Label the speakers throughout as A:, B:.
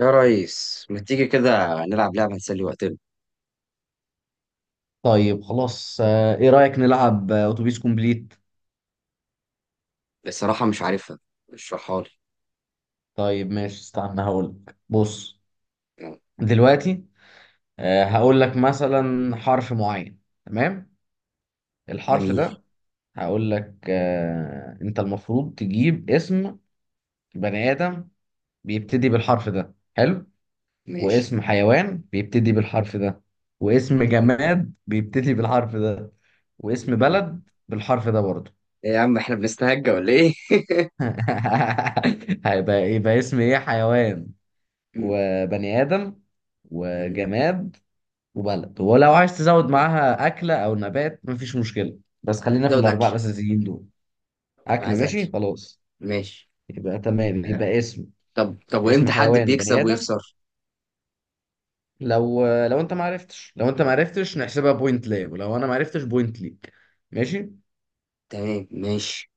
A: يا ريس ما تيجي كده نلعب لعبة نسلي وقتنا.
B: طيب خلاص، ايه رأيك نلعب اتوبيس كومبليت؟
A: بصراحة مش عارفها، اشرحها لي.
B: طيب ماشي، استنى هقولك. بص
A: آه،
B: دلوقتي. هقولك مثلا حرف معين، تمام؟ الحرف
A: جميل.
B: ده. هقولك انت المفروض تجيب اسم بني آدم بيبتدي بالحرف ده، حلو.
A: ماشي.
B: واسم حيوان بيبتدي بالحرف ده، واسم
A: تمام.
B: جماد بيبتدي بالحرف ده، واسم
A: جميل.
B: بلد بالحرف ده برضه.
A: ايه يا عم احنا بنستهجى ولا ايه؟
B: يبقى اسم ايه، حيوان
A: مم،
B: وبني آدم
A: جميل.
B: وجماد وبلد، ولو عايز تزود معاها أكلة أو نبات مفيش مشكلة، بس خلينا في
A: زود أكل،
B: الأربعة الأساسيين دول.
A: أنا
B: أكلة،
A: عايز
B: ماشي
A: أكل.
B: خلاص.
A: ماشي.
B: يبقى تمام،
A: آه،
B: يبقى اسم
A: طب
B: اسم
A: وإمتى حد
B: حيوان وبني
A: بيكسب
B: آدم.
A: ويخسر؟
B: لو أنت معرفتش، نحسبها بوينت ليا، ولو أنا معرفتش بوينت ليك. ماشي.
A: تمام ماشي.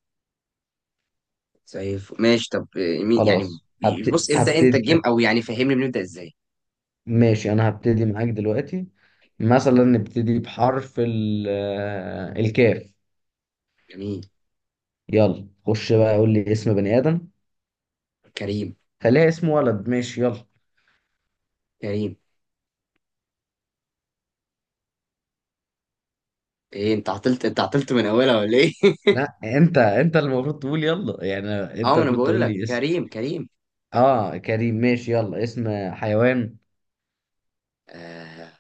A: ماشي. طب،
B: خلاص،
A: بص
B: هبتدي
A: ابدأ أنت
B: هبتدي
A: الجيم، أو يعني فهمني بنبدأ إزاي؟
B: ماشي، أنا هبتدي معاك دلوقتي. مثلا نبتدي بحرف الكاف.
A: جميل.
B: يلا خش بقى قول لي اسم بني آدم.
A: كريم.
B: خليها اسم ولد، ماشي، يلا.
A: كريم. ايه انت عطلت من اولها ولا ايه؟
B: لا، انت اللي المفروض تقول يلا، يعني
A: اه
B: انت
A: ما انا
B: المفروض
A: بقول
B: تقول
A: لك
B: لي اسم.
A: كريم. كريم.
B: اه كريم، ماشي، يلا اسم حيوان.
A: آه.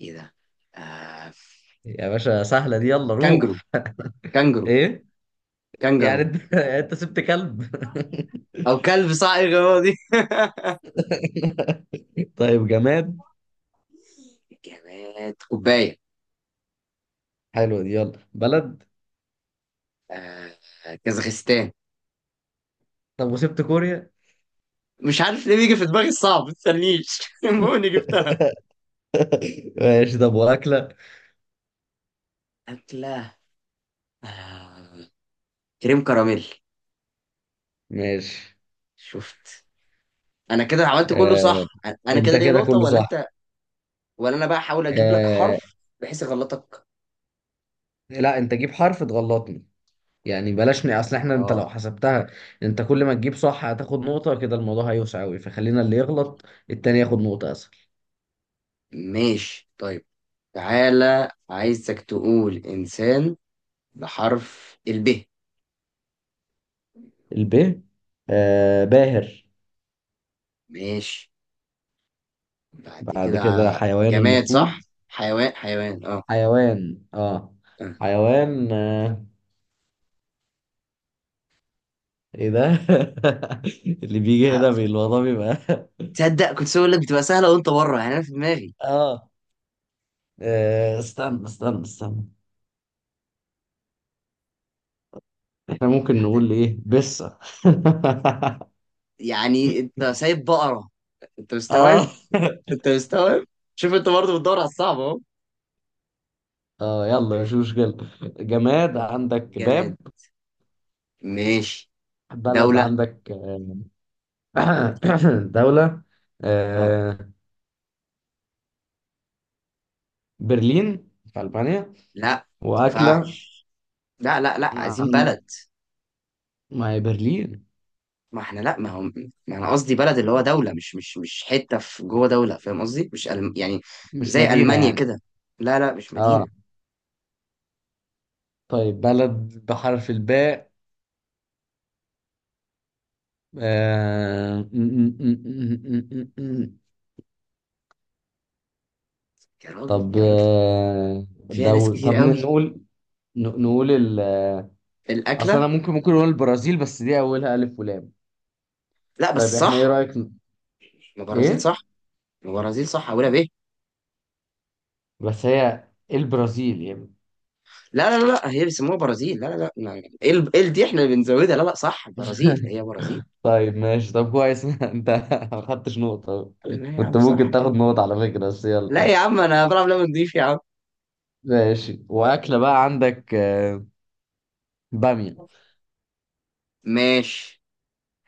A: ايه ده. آه...
B: يا باشا سهلة دي، يلا
A: كانجرو.
B: روح.
A: كانجرو.
B: ايه؟ يعني
A: كانجرو.
B: انت انت سبت كلب؟
A: او كلب صائغ هو دي.
B: طيب جماد.
A: جماد كوبايه.
B: حلو دي، يلا بلد.
A: آه... كازاخستان.
B: طب وسبت كوريا؟
A: مش عارف ليه بيجي في دماغي الصعب، ما تستنيش المهم جبتها.
B: ماشي، طب واكلة.
A: اكله. آه... كريم كراميل.
B: ماشي.
A: شفت، انا كده عملت كله
B: آه،
A: صح. انا
B: انت
A: كده ليا
B: كده
A: نقطه
B: كله
A: ولا
B: صح.
A: انت؟ ولا انا بقى احاول اجيب لك
B: آه.
A: حرف بحيث اغلطك.
B: لا، انت جيب حرف تغلطني. يعني بلاش اصل احنا، انت لو
A: اه
B: حسبتها، انت كل ما تجيب صح هتاخد نقطة، كده الموضوع هيوسع قوي، فخلينا اللي يغلط التاني ياخد نقطة، اسهل.
A: ماشي طيب. تعالى عايزك تقول انسان بحرف الب.
B: الب. آه، باهر.
A: ماشي. بعد
B: بعد
A: كده.
B: كده حيوان
A: جماد،
B: المفروض.
A: صح، حيوان. اه.
B: حيوان، اه.
A: آه.
B: حيوان. آه، ايه ده؟ اللي بيجي
A: لا،
B: هنا الموضوع بيبقى
A: تصدق كنت اقول لك بتبقى سهله وانت بره، يعني انا في دماغي.
B: اه. استنى استنى استنى. احنا ممكن
A: لا، ده أنا-
B: نقول ايه؟ بسة.
A: يعني انت سايب بقره؟ انت مستوعب.
B: اه.
A: انت مستوعب. شوف انت برضه بتدور على الصعب اهو.
B: اه، يلا مش مشكلة. جماد
A: ماشي.
B: عندك باب.
A: جماد. ماشي.
B: بلد
A: دوله.
B: عندك دولة.
A: اه.
B: آه، برلين في ألبانيا.
A: لا ما
B: وأكلة.
A: ينفعش، لا لا لا عايزين
B: عن-
A: بلد.
B: ما هي برلين.
A: ما احنا لا، ما هو ما انا قصدي بلد اللي هو دوله، مش مش مش حته في جوه دوله، فاهم قصدي، مش ألم... يعني
B: مش
A: زي
B: مدينة
A: المانيا
B: يعني؟
A: كده. لا لا مش
B: اه.
A: مدينه.
B: طيب بلد بحرف الباء. آه، م- م- م- م- م- م- م.
A: يا راجل
B: طب،
A: يا راجل فيها ناس
B: دول.
A: كتير
B: طب
A: قوي.
B: نقول. نقول ال. اصلا
A: الاكله.
B: انا ممكن نقول البرازيل، بس دي اولها الف ولام.
A: لا
B: طيب
A: بس
B: احنا ايه
A: صح،
B: رأيك
A: البرازيل
B: ايه؟
A: صح. البرازيل صح، اولها بايه.
B: بس هي البرازيل يعني.
A: لا لا لا هي بيسموها برازيل، لا لا لا ما- ايه ال- إيه ال- دي احنا اللي بنزودها، لا لا صح، البرازيل هي برازيل.
B: طيب ماشي، طب كويس. انت ما خدتش نقطة.
A: لا يا عم
B: كنت ممكن
A: صح
B: تاخد
A: كده.
B: نقطة على فكرة، بس
A: لا
B: يلا.
A: يا عم انا بلعب لعبه نضيف يا عم.
B: ماشي، وأكلة بقى عندك بامية.
A: ماشي.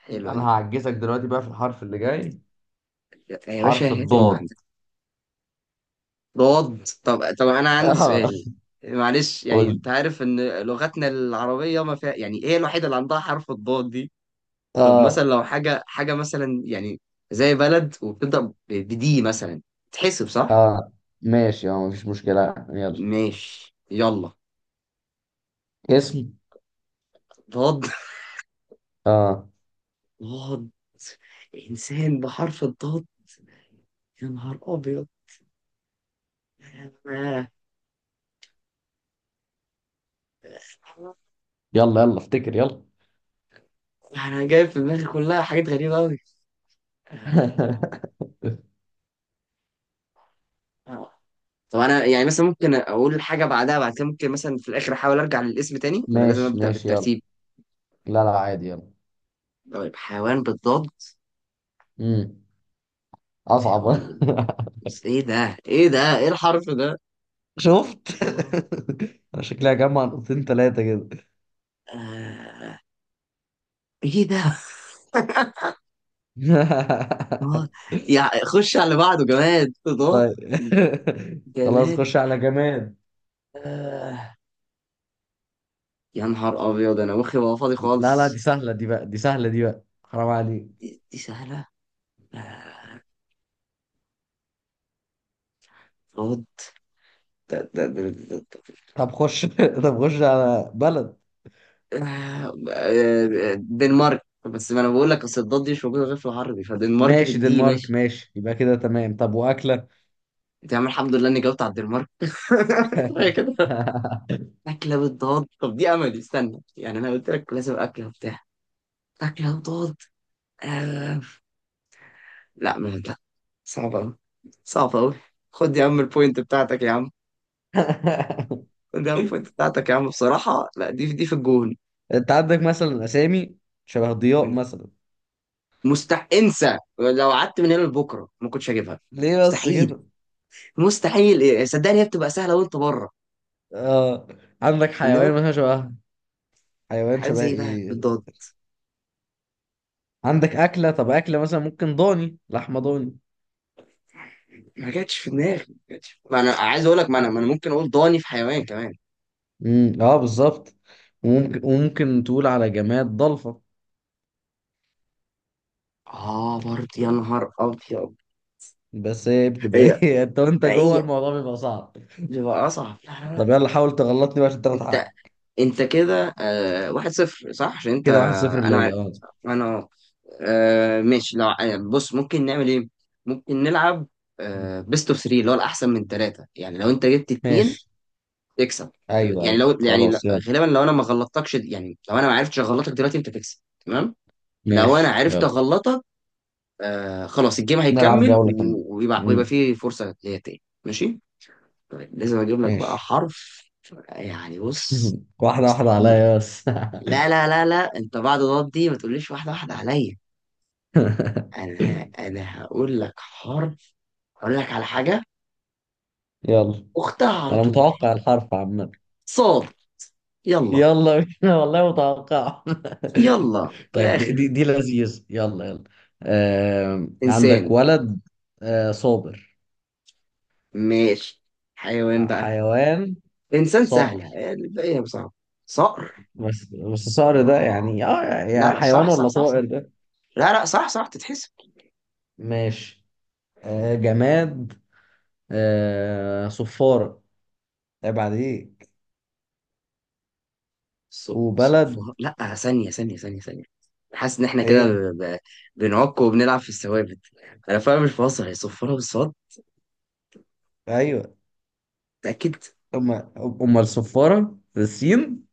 A: حلوه
B: أنا
A: دي.
B: هعجزك دلوقتي بقى في الحرف اللي جاي.
A: يا باشا
B: حرف
A: هات اللي
B: الضاد.
A: عندك. رد. طب انا عندي
B: اه.
A: سؤال. معلش، يعني
B: قول.
A: انت عارف ان لغتنا العربيه ما فيها، يعني ايه الوحيده اللي عندها حرف الضاد دي. طب مثلا
B: اه.
A: لو حاجة مثلا، يعني زي بلد وبتبدأ ب- بدي مثلا، تحسب صح؟
B: اه، ماشي، اه مفيش مشكلة، يلا.
A: ماشي يلا.
B: اسم.
A: ضاد.
B: اه،
A: ضاد. إنسان بحرف الضاد. يا نهار أبيض. أنا.
B: يلا يلا افتكر، يلا.
A: أنا جايب في دماغي كلها حاجات غريبة أوي. آه. آه. طب أنا يعني مثلا ممكن أقول حاجة بعدها، بعد كده ممكن مثلا في الآخر أحاول أرجع للاسم تاني، ولا لازم
B: ماشي
A: أبدأ
B: ماشي، يلا.
A: بالترتيب؟
B: لا لا، عادي، يلا.
A: طيب حيوان بالضاد.
B: امم أصعب.
A: حيوان بالضاد. إيه ده؟ إيه ده؟ إيه الحرف ده؟
B: شفت.
A: ضاد.
B: أنا شكلها جمع نقطتين تلاتة كده.
A: آه. ايه ده؟ آه، يعني خش على بعضه جماد اضاءات.
B: طيب. خلاص،
A: جماد.
B: خش على جماد.
A: آه. يا نهار ابيض انا مخي بقى فاضي
B: لا لا، دي
A: خالص.
B: سهلة دي بقى دي سهلة دي بقى حرام عليك.
A: دي, دي سهله. آه، اضاءات. ده- ده- ده- ده- ده-
B: طب خش. طب خش على بلد.
A: دنمارك. بس ما انا بقول لك اصل الضاد دي مش موجوده غير في العربي، فدنمارك
B: ماشي،
A: بالدي
B: دنمارك،
A: ماشي.
B: ماشي، يبقى كده تمام. طب وأكلة.
A: يا عم الحمد لله اني جاوبت على الدنمارك كفايه كده. اكله بالضاد، طب دي املي، استنى، يعني انا قلت لك لازم اكله وبتاع. اكله بالضاد. آه. لا ما لا. صعب أوي. صعب أوي. خد يا عم البوينت بتاعتك يا عم. خد يا عم البوينت بتاعتك يا عم، بصراحة لا دي, دي في الجون.
B: انت عندك مثلا أسامي شبه ضياء مثلا.
A: مستح- انسى، لو قعدت من هنا لبكرة ما كنتش هجيبها.
B: ليه بس
A: مستحيل.
B: كده؟
A: مستحيل إيه، صدقني هي بتبقى سهلة وأنت بره.
B: اه، عندك حيوان
A: إنما
B: مثلا شبه. حيوان
A: حاجات
B: شبه
A: زي إيه بقى
B: ايه.
A: بالضاد؟
B: عندك أكلة، طب أكلة مثلا ممكن ضاني، لحمة ضاني.
A: ما جاتش في دماغي، ما جاتش. ما أنا عايز أقول لك، ما أنا ما أنا ممكن أقول ضاني في حيوان كمان.
B: اه بالظبط. وممكن، تقول على جماد ضلفة.
A: آه برضه يا نهار أبيض.
B: بس هي بتبقى
A: هي،
B: ايه، انت وانت جوه
A: هي
B: الموضوع بيبقى صعب.
A: بتبقى أصعب. لا لا لا.
B: طب يلا حاول تغلطني بقى عشان تاخد
A: انت،
B: حقك.
A: انت كده واحد صفر صح، عشان انت.
B: كده واحد صفر
A: انا عارف.
B: ليا، اه.
A: انا. آه ماشي. لو بص ممكن نعمل ايه، ممكن نلعب، آه، بيست اوف 3 اللي هو الاحسن من ثلاثة، يعني لو انت جبت اتنين
B: ماشي،
A: تكسب.
B: ايوه
A: يعني
B: ايوه،
A: لو يعني ل-
B: خلاص يلا.
A: غالبا لو انا ما غلطتكش، يعني لو انا ما عرفتش اغلطك دلوقتي انت تكسب. تمام. لو انا
B: ماشي،
A: عرفت
B: يلا.
A: اغلطك، خلاص الجيم
B: نلعب
A: هيكمل،
B: جولة كمان.
A: و- ويبقى
B: امم.
A: فيه فرصة ليا تاني ماشي. طيب لازم اجيب لك بقى
B: ماشي.
A: حرف، يعني بص.
B: واحدة واحدة
A: مستحيل.
B: عليا بس.
A: لا لا لا لا، انت بعد الغلط دي ما تقوليش واحده واحده عليا. انا ه- انا هقول لك حرف. هقول لك على حاجه
B: يلا.
A: اختها على
B: انا
A: طول.
B: متوقع الحرف عامة.
A: صاد. يلا.
B: يلا بينا، والله متوقع.
A: يلا
B: طيب، دي
A: الاخر.
B: دي, دي لذيذ، يلا يلا. عندك
A: انسان.
B: ولد. صابر.
A: ماشي. حيوان بقى.
B: حيوان،
A: انسان
B: صقر.
A: سهله، الباقي صعب. صقر.
B: بس الصقر
A: آه.
B: ده يعني،
A: لا
B: يعني
A: لا
B: حيوان
A: صح صح
B: ولا
A: صح صح.
B: طائر ده؟
A: لا لا صح صح تتحسب.
B: ماشي. جماد. صفارة. عيب عليك.
A: ص-
B: وبلد.
A: صفها، لا، ثانيه ثانيه ثانيه ثانيه. حاسس ان احنا كده
B: ايه؟
A: ب... ب... بنعك وبنلعب في الثوابت. انا فعلا مش بهزر، هي صفارة بالصاد.
B: ايوه.
A: متأكد.
B: امال امال الصفارة السين.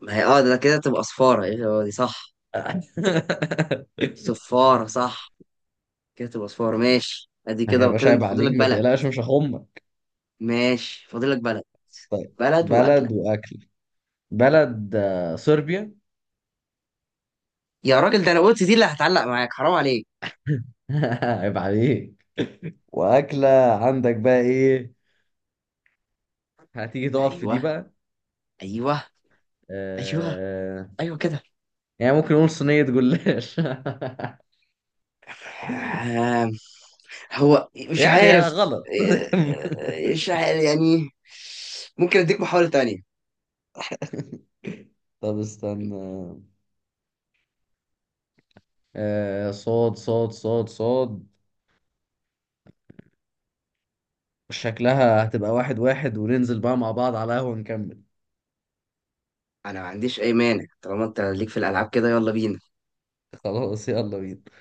A: ما هي اه ده كده تبقى صفارة، ايه هو دي صح. صفارة صح، كده تبقى صفارة ماشي. ادي
B: ما
A: كده
B: هيبقاش،
A: كده انت
B: عيب عليك،
A: فاضلك
B: ما
A: بلد.
B: تقلقش مش هخمك.
A: ماشي فاضلك بلد.
B: طيب
A: بلد وأكلة.
B: بلد واكل. بلد صربيا.
A: يا راجل ده انا قلت دي اللي هتعلق معاك، حرام عليك.
B: عيب عليك. واكله. عندك بقى ايه؟ هتيجي تقف في دي
A: ايوه.
B: بقى.
A: ايوه. ايوه.
B: آه...
A: ايوه كده.
B: يعني ممكن نقول صينيه جلاش.
A: آه، هو مش
B: يعني
A: عارف.
B: غلط.
A: مش عارف يعني. ممكن اديك محاولة تانية.
B: طب استنى. آه، صاد صاد صاد صاد. شكلها هتبقى واحد واحد، وننزل بقى مع بعض على قهوة نكمل.
A: انا ما عنديش اي مانع، طالما انت ليك في الالعاب كده يلا بينا.
B: خلاص، يلا بينا.